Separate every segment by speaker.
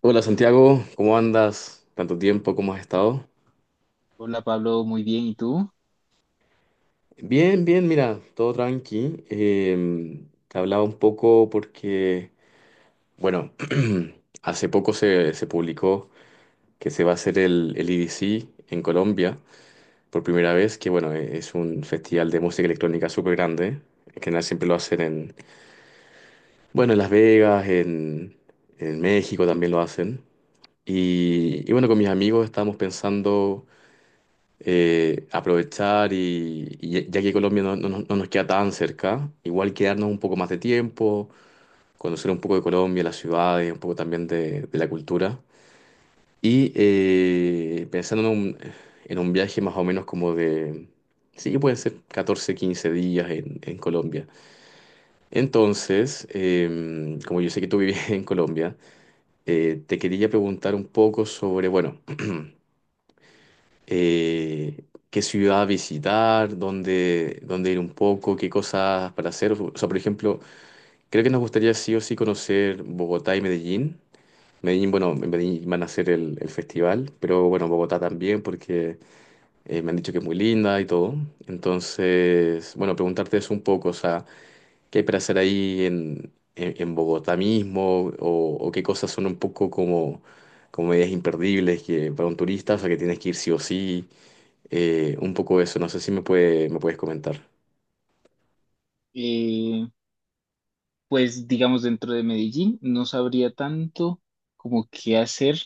Speaker 1: Hola Santiago, ¿cómo andas? ¿Tanto tiempo? ¿Cómo has estado?
Speaker 2: Hola Pablo, muy bien. ¿Y tú?
Speaker 1: Bien, bien, mira, todo tranqui. Te hablaba un poco porque, bueno, hace poco se publicó que se va a hacer el EDC en Colombia por primera vez, que bueno, es un festival de música electrónica súper grande. En general siempre lo hacen en, bueno, en Las Vegas, en México también lo hacen. Y bueno, con mis amigos estábamos pensando aprovechar y, y ya que Colombia no, no nos queda tan cerca, igual quedarnos un poco más de tiempo, conocer un poco de Colombia, las ciudades, un poco también de la cultura. Y pensando en un viaje más o menos como de, sí, pueden ser 14 15 días en Colombia. Entonces, como yo sé que tú vives en Colombia, te quería preguntar un poco sobre, bueno, qué ciudad visitar, dónde, dónde ir un poco, qué cosas para hacer. O sea, por ejemplo, creo que nos gustaría sí o sí conocer Bogotá y Medellín. Medellín, bueno, en Medellín van a hacer el festival, pero bueno, Bogotá también porque me han dicho que es muy linda y todo. Entonces, bueno, preguntarte eso un poco, o sea, ¿qué hay para hacer ahí en Bogotá mismo? ¿O, o qué cosas son un poco como, como medidas imperdibles que para un turista, o sea, que tienes que ir sí o sí? Un poco eso, no sé si me me puedes comentar.
Speaker 2: Eh, pues digamos dentro de Medellín no sabría tanto como qué hacer.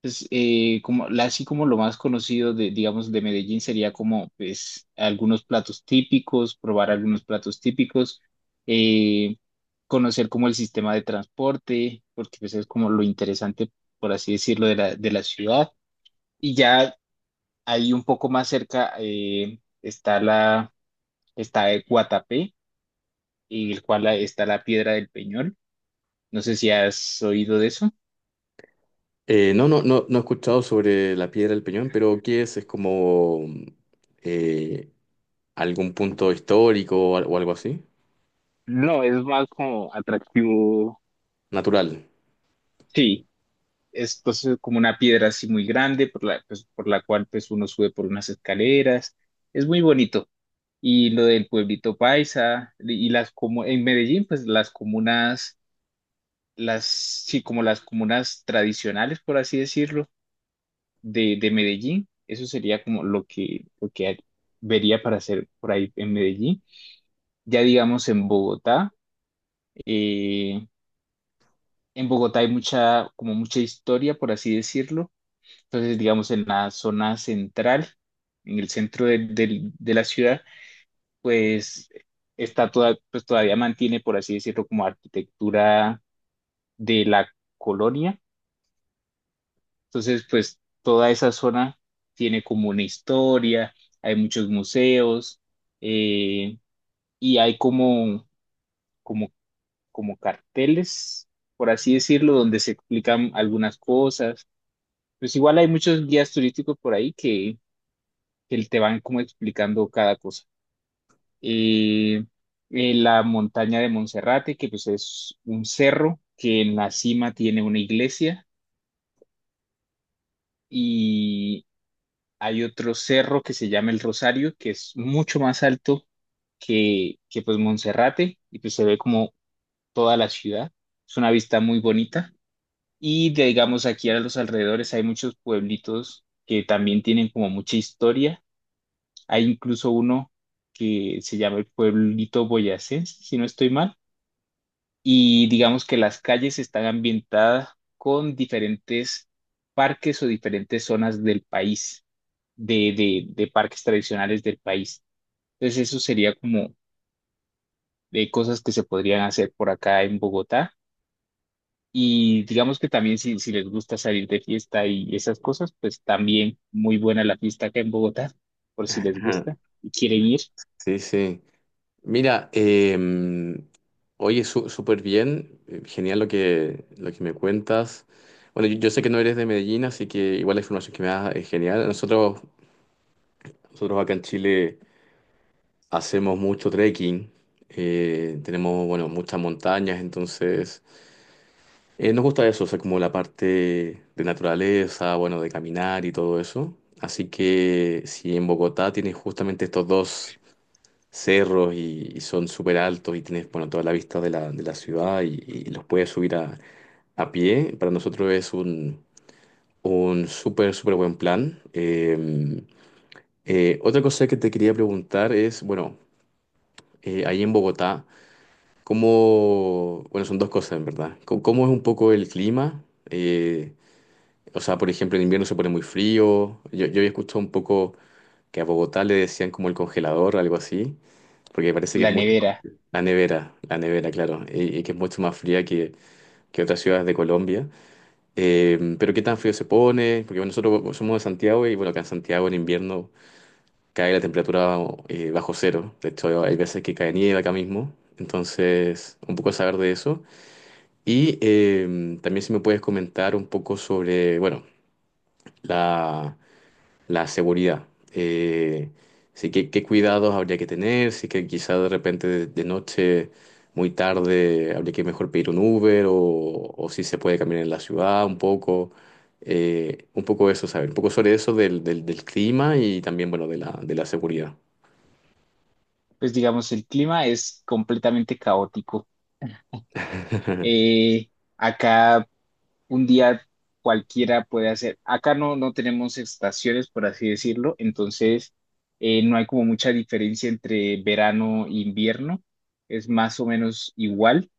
Speaker 2: Pues como así como lo más conocido de digamos de Medellín sería como pues algunos platos típicos, probar algunos platos típicos, eh, conocer como el sistema de transporte, porque pues es como lo interesante por así decirlo de la ciudad. Y ya ahí un poco más cerca está la está Guatapé, en el cual está la Piedra del Peñol. No sé si has oído de eso.
Speaker 1: No, no, no, no he escuchado sobre la Piedra del Peñón, pero ¿qué es? ¿Es como eh, algún punto histórico o algo así?
Speaker 2: No, es más como atractivo.
Speaker 1: Natural.
Speaker 2: Sí, es pues, como una piedra así muy grande por la, pues, por la cual pues, uno sube por unas escaleras. Es muy bonito. Y lo del pueblito paisa y las como en Medellín, pues las comunas, las sí, como las comunas tradicionales, por así decirlo, de Medellín. Eso sería como lo que vería para hacer por ahí en Medellín. Ya digamos eh, en Bogotá hay mucha, como mucha historia, por así decirlo. Entonces, digamos en la zona central, en el centro de, de la ciudad, pues está toda, pues todavía mantiene, por así decirlo, como arquitectura de la colonia. Entonces, pues toda esa zona tiene como una historia, hay muchos museos, eh, y hay como, como como carteles, por así decirlo, donde se explican algunas cosas. Pues igual hay muchos guías turísticos por ahí que te van como explicando cada cosa. Eh, la montaña de Monserrate, que pues es un cerro que en la cima tiene una iglesia, y hay otro cerro que se llama el Rosario, que es mucho más alto que pues Monserrate, y pues se ve como toda la ciudad. Es una vista muy bonita. Y digamos, aquí a los alrededores hay muchos pueblitos que también tienen como mucha historia. Hay incluso uno que se llama el pueblito boyacense, si no estoy mal. Y digamos que las calles están ambientadas con diferentes parques o diferentes zonas del país, de parques tradicionales del país. Entonces eso sería como de cosas que se podrían hacer por acá en Bogotá. Y digamos que también si, si les gusta salir de fiesta y esas cosas, pues también muy buena la fiesta acá en Bogotá, por si les
Speaker 1: Ajá.
Speaker 2: gusta y quieren ir.
Speaker 1: Sí, sí. Mira, oye, súper bien, genial lo que me cuentas. Bueno, yo sé que no eres de Medellín, así que igual la información que me das es genial. Nosotros acá en Chile... Hacemos mucho trekking, tenemos, bueno, muchas montañas, entonces nos gusta eso, o sea, como la parte de naturaleza, bueno, de caminar y todo eso. Así que si en Bogotá tienes justamente estos dos cerros y son súper altos y tienes, bueno, toda la vista de de la ciudad y los puedes subir a pie, para nosotros es un súper, súper buen plan. Otra cosa que te quería preguntar es, bueno, ahí en Bogotá, ¿cómo, bueno, son dos cosas en verdad? ¿Cómo, cómo es un poco el clima? Eh, o sea, por ejemplo, en invierno se pone muy frío. Yo había escuchado un poco que a Bogotá le decían como el congelador, algo así, porque parece que es
Speaker 2: La
Speaker 1: mucho más...
Speaker 2: nevera,
Speaker 1: La nevera, claro, y que es mucho más fría que otras ciudades de Colombia. Pero ¿qué tan frío se pone? Porque bueno, nosotros somos de Santiago y bueno, acá en Santiago en invierno cae la temperatura bajo cero. De hecho, hay veces que cae nieve acá mismo. Entonces, un poco saber de eso. Y también si me puedes comentar un poco sobre, bueno, la, la seguridad. Eh, sí, qué, qué cuidados habría que tener, si que quizá de repente de noche, muy tarde, habría que mejor pedir un Uber o si se puede caminar en la ciudad un poco. Un poco eso, saber, un poco sobre eso del clima y también, bueno, de de la seguridad.
Speaker 2: pues digamos el clima es completamente caótico. Eh, acá un día cualquiera puede hacer, acá no, no tenemos estaciones, por así decirlo, entonces no hay como mucha diferencia entre verano e invierno, es más o menos igual.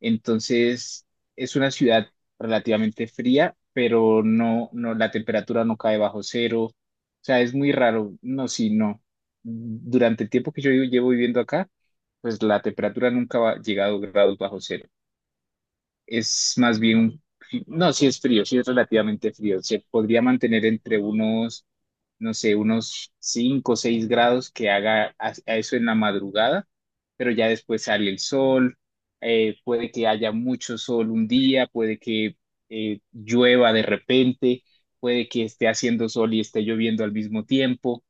Speaker 2: Entonces, es una ciudad relativamente fría, pero no, no, la temperatura no cae bajo cero. O sea, es muy raro. No, sí, no. Durante el tiempo que yo llevo viviendo acá, pues la temperatura nunca ha llegado a grados bajo cero, es más bien, un no, sí es frío, sí es relativamente frío. Se podría mantener entre unos, no sé, unos 5 o 6 grados que haga a eso en la madrugada, pero ya después sale el sol. Puede que haya mucho sol un día, puede que llueva de repente, puede que esté haciendo sol y esté lloviendo al mismo tiempo.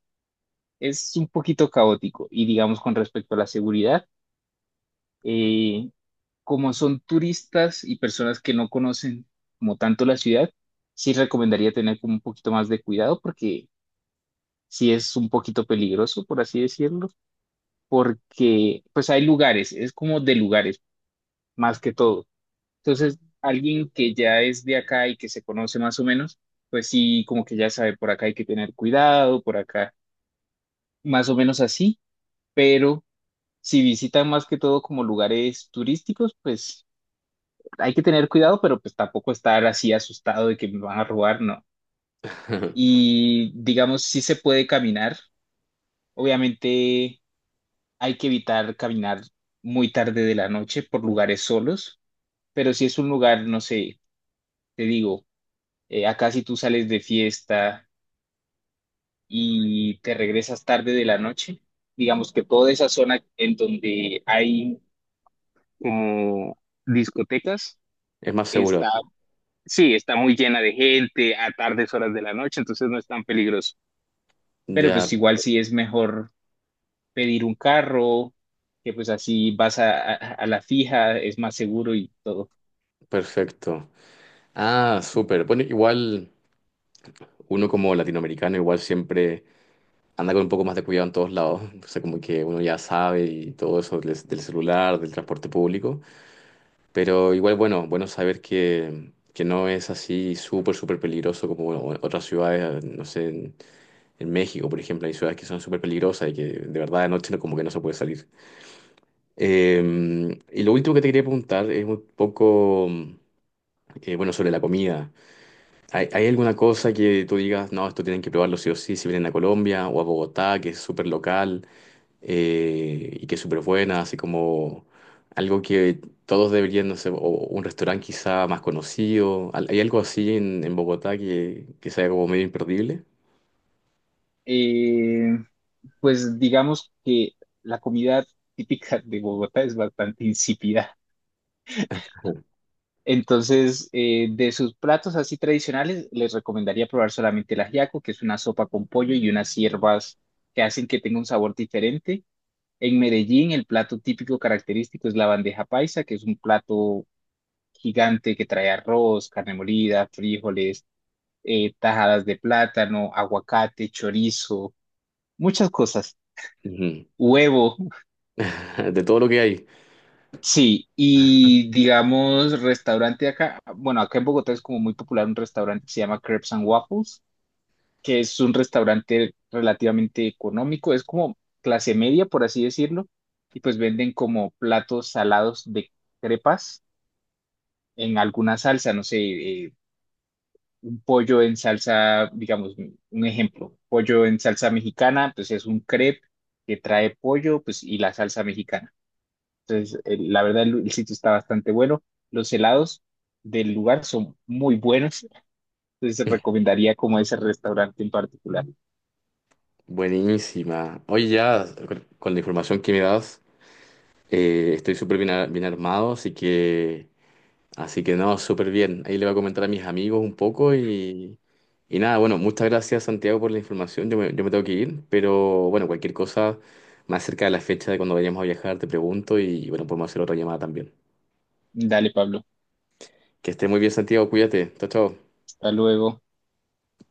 Speaker 2: Es un poquito caótico. Y digamos con respecto a la seguridad, eh, como son turistas y personas que no conocen como tanto la ciudad, sí recomendaría tener como un poquito más de cuidado, porque sí es un poquito peligroso, por así decirlo, porque pues hay lugares, es como de lugares más que todo. Entonces, alguien que ya es de acá y que se conoce más o menos, pues sí, como que ya sabe, por acá hay que tener cuidado, por acá, más o menos así, pero si visitan más que todo como lugares turísticos, pues hay que tener cuidado, pero pues tampoco estar así asustado de que me van a robar, no. Y digamos, sí se puede caminar. Obviamente hay que evitar caminar muy tarde de la noche por lugares solos, pero si es un lugar, no sé, te digo, acá si tú sales de fiesta y te regresas tarde de la noche, digamos que toda esa zona en donde hay como discotecas
Speaker 1: Es más seguro.
Speaker 2: está, sí, está muy llena de gente a tardes horas de la noche, entonces no es tan peligroso. Pero
Speaker 1: Ya,
Speaker 2: pues igual sí es mejor pedir un carro, que pues así vas a, a la fija, es más seguro y todo.
Speaker 1: perfecto. Ah, súper. Bueno, igual, uno como latinoamericano igual siempre anda con un poco más de cuidado en todos lados, o sea, como que uno ya sabe y todo eso del celular, del transporte público, pero igual bueno, bueno saber que no es así súper, súper peligroso como bueno, otras ciudades, no sé, en México, por ejemplo, hay ciudades que son súper peligrosas y que de verdad de noche como que no se puede salir. Y lo último que te quería preguntar es un poco, bueno, sobre la comida. ¿Hay, hay alguna cosa que tú digas, no, esto tienen que probarlo sí o sí, si vienen a Colombia o a Bogotá, que es súper local y que es súper buena, así como algo que todos deberían, no sé, o un restaurante quizá más conocido? Hay algo así en Bogotá que sea como medio imperdible?
Speaker 2: Eh, pues digamos que la comida típica de Bogotá es bastante insípida. Entonces, de sus platos así tradicionales, les recomendaría probar solamente el ajiaco, que es una sopa con pollo y unas hierbas que hacen que tenga un sabor diferente. En Medellín, el plato típico característico es la bandeja paisa, que es un plato gigante que trae arroz, carne molida, frijoles, tajadas de plátano, aguacate, chorizo, muchas cosas.
Speaker 1: Ujú.
Speaker 2: Huevo,
Speaker 1: De todo lo que hay.
Speaker 2: sí, y digamos, restaurante acá, bueno, acá en Bogotá es como muy popular un restaurante que se llama Crepes and Waffles, que es un restaurante relativamente económico, es como clase media, por así decirlo, y pues venden como platos salados de crepas en alguna salsa, no sé, eh, un pollo en salsa, digamos, un ejemplo, pollo en salsa mexicana, pues es un crepe que trae pollo, pues y la salsa mexicana. Entonces, la verdad, el sitio está bastante bueno. Los helados del lugar son muy buenos, entonces recomendaría como ese restaurante en particular.
Speaker 1: Buenísima. Oye, ya con la información que me das, estoy súper bien, bien armado, así que... Así que no, súper bien. Ahí le voy a comentar a mis amigos un poco y nada, bueno, muchas gracias Santiago por la información. Yo me tengo que ir, pero bueno, cualquier cosa más cerca de la fecha de cuando vayamos a viajar, te pregunto y bueno, podemos hacer otra llamada también.
Speaker 2: Dale, Pablo,
Speaker 1: Que esté muy bien Santiago, cuídate. Chao, chao.
Speaker 2: hasta luego.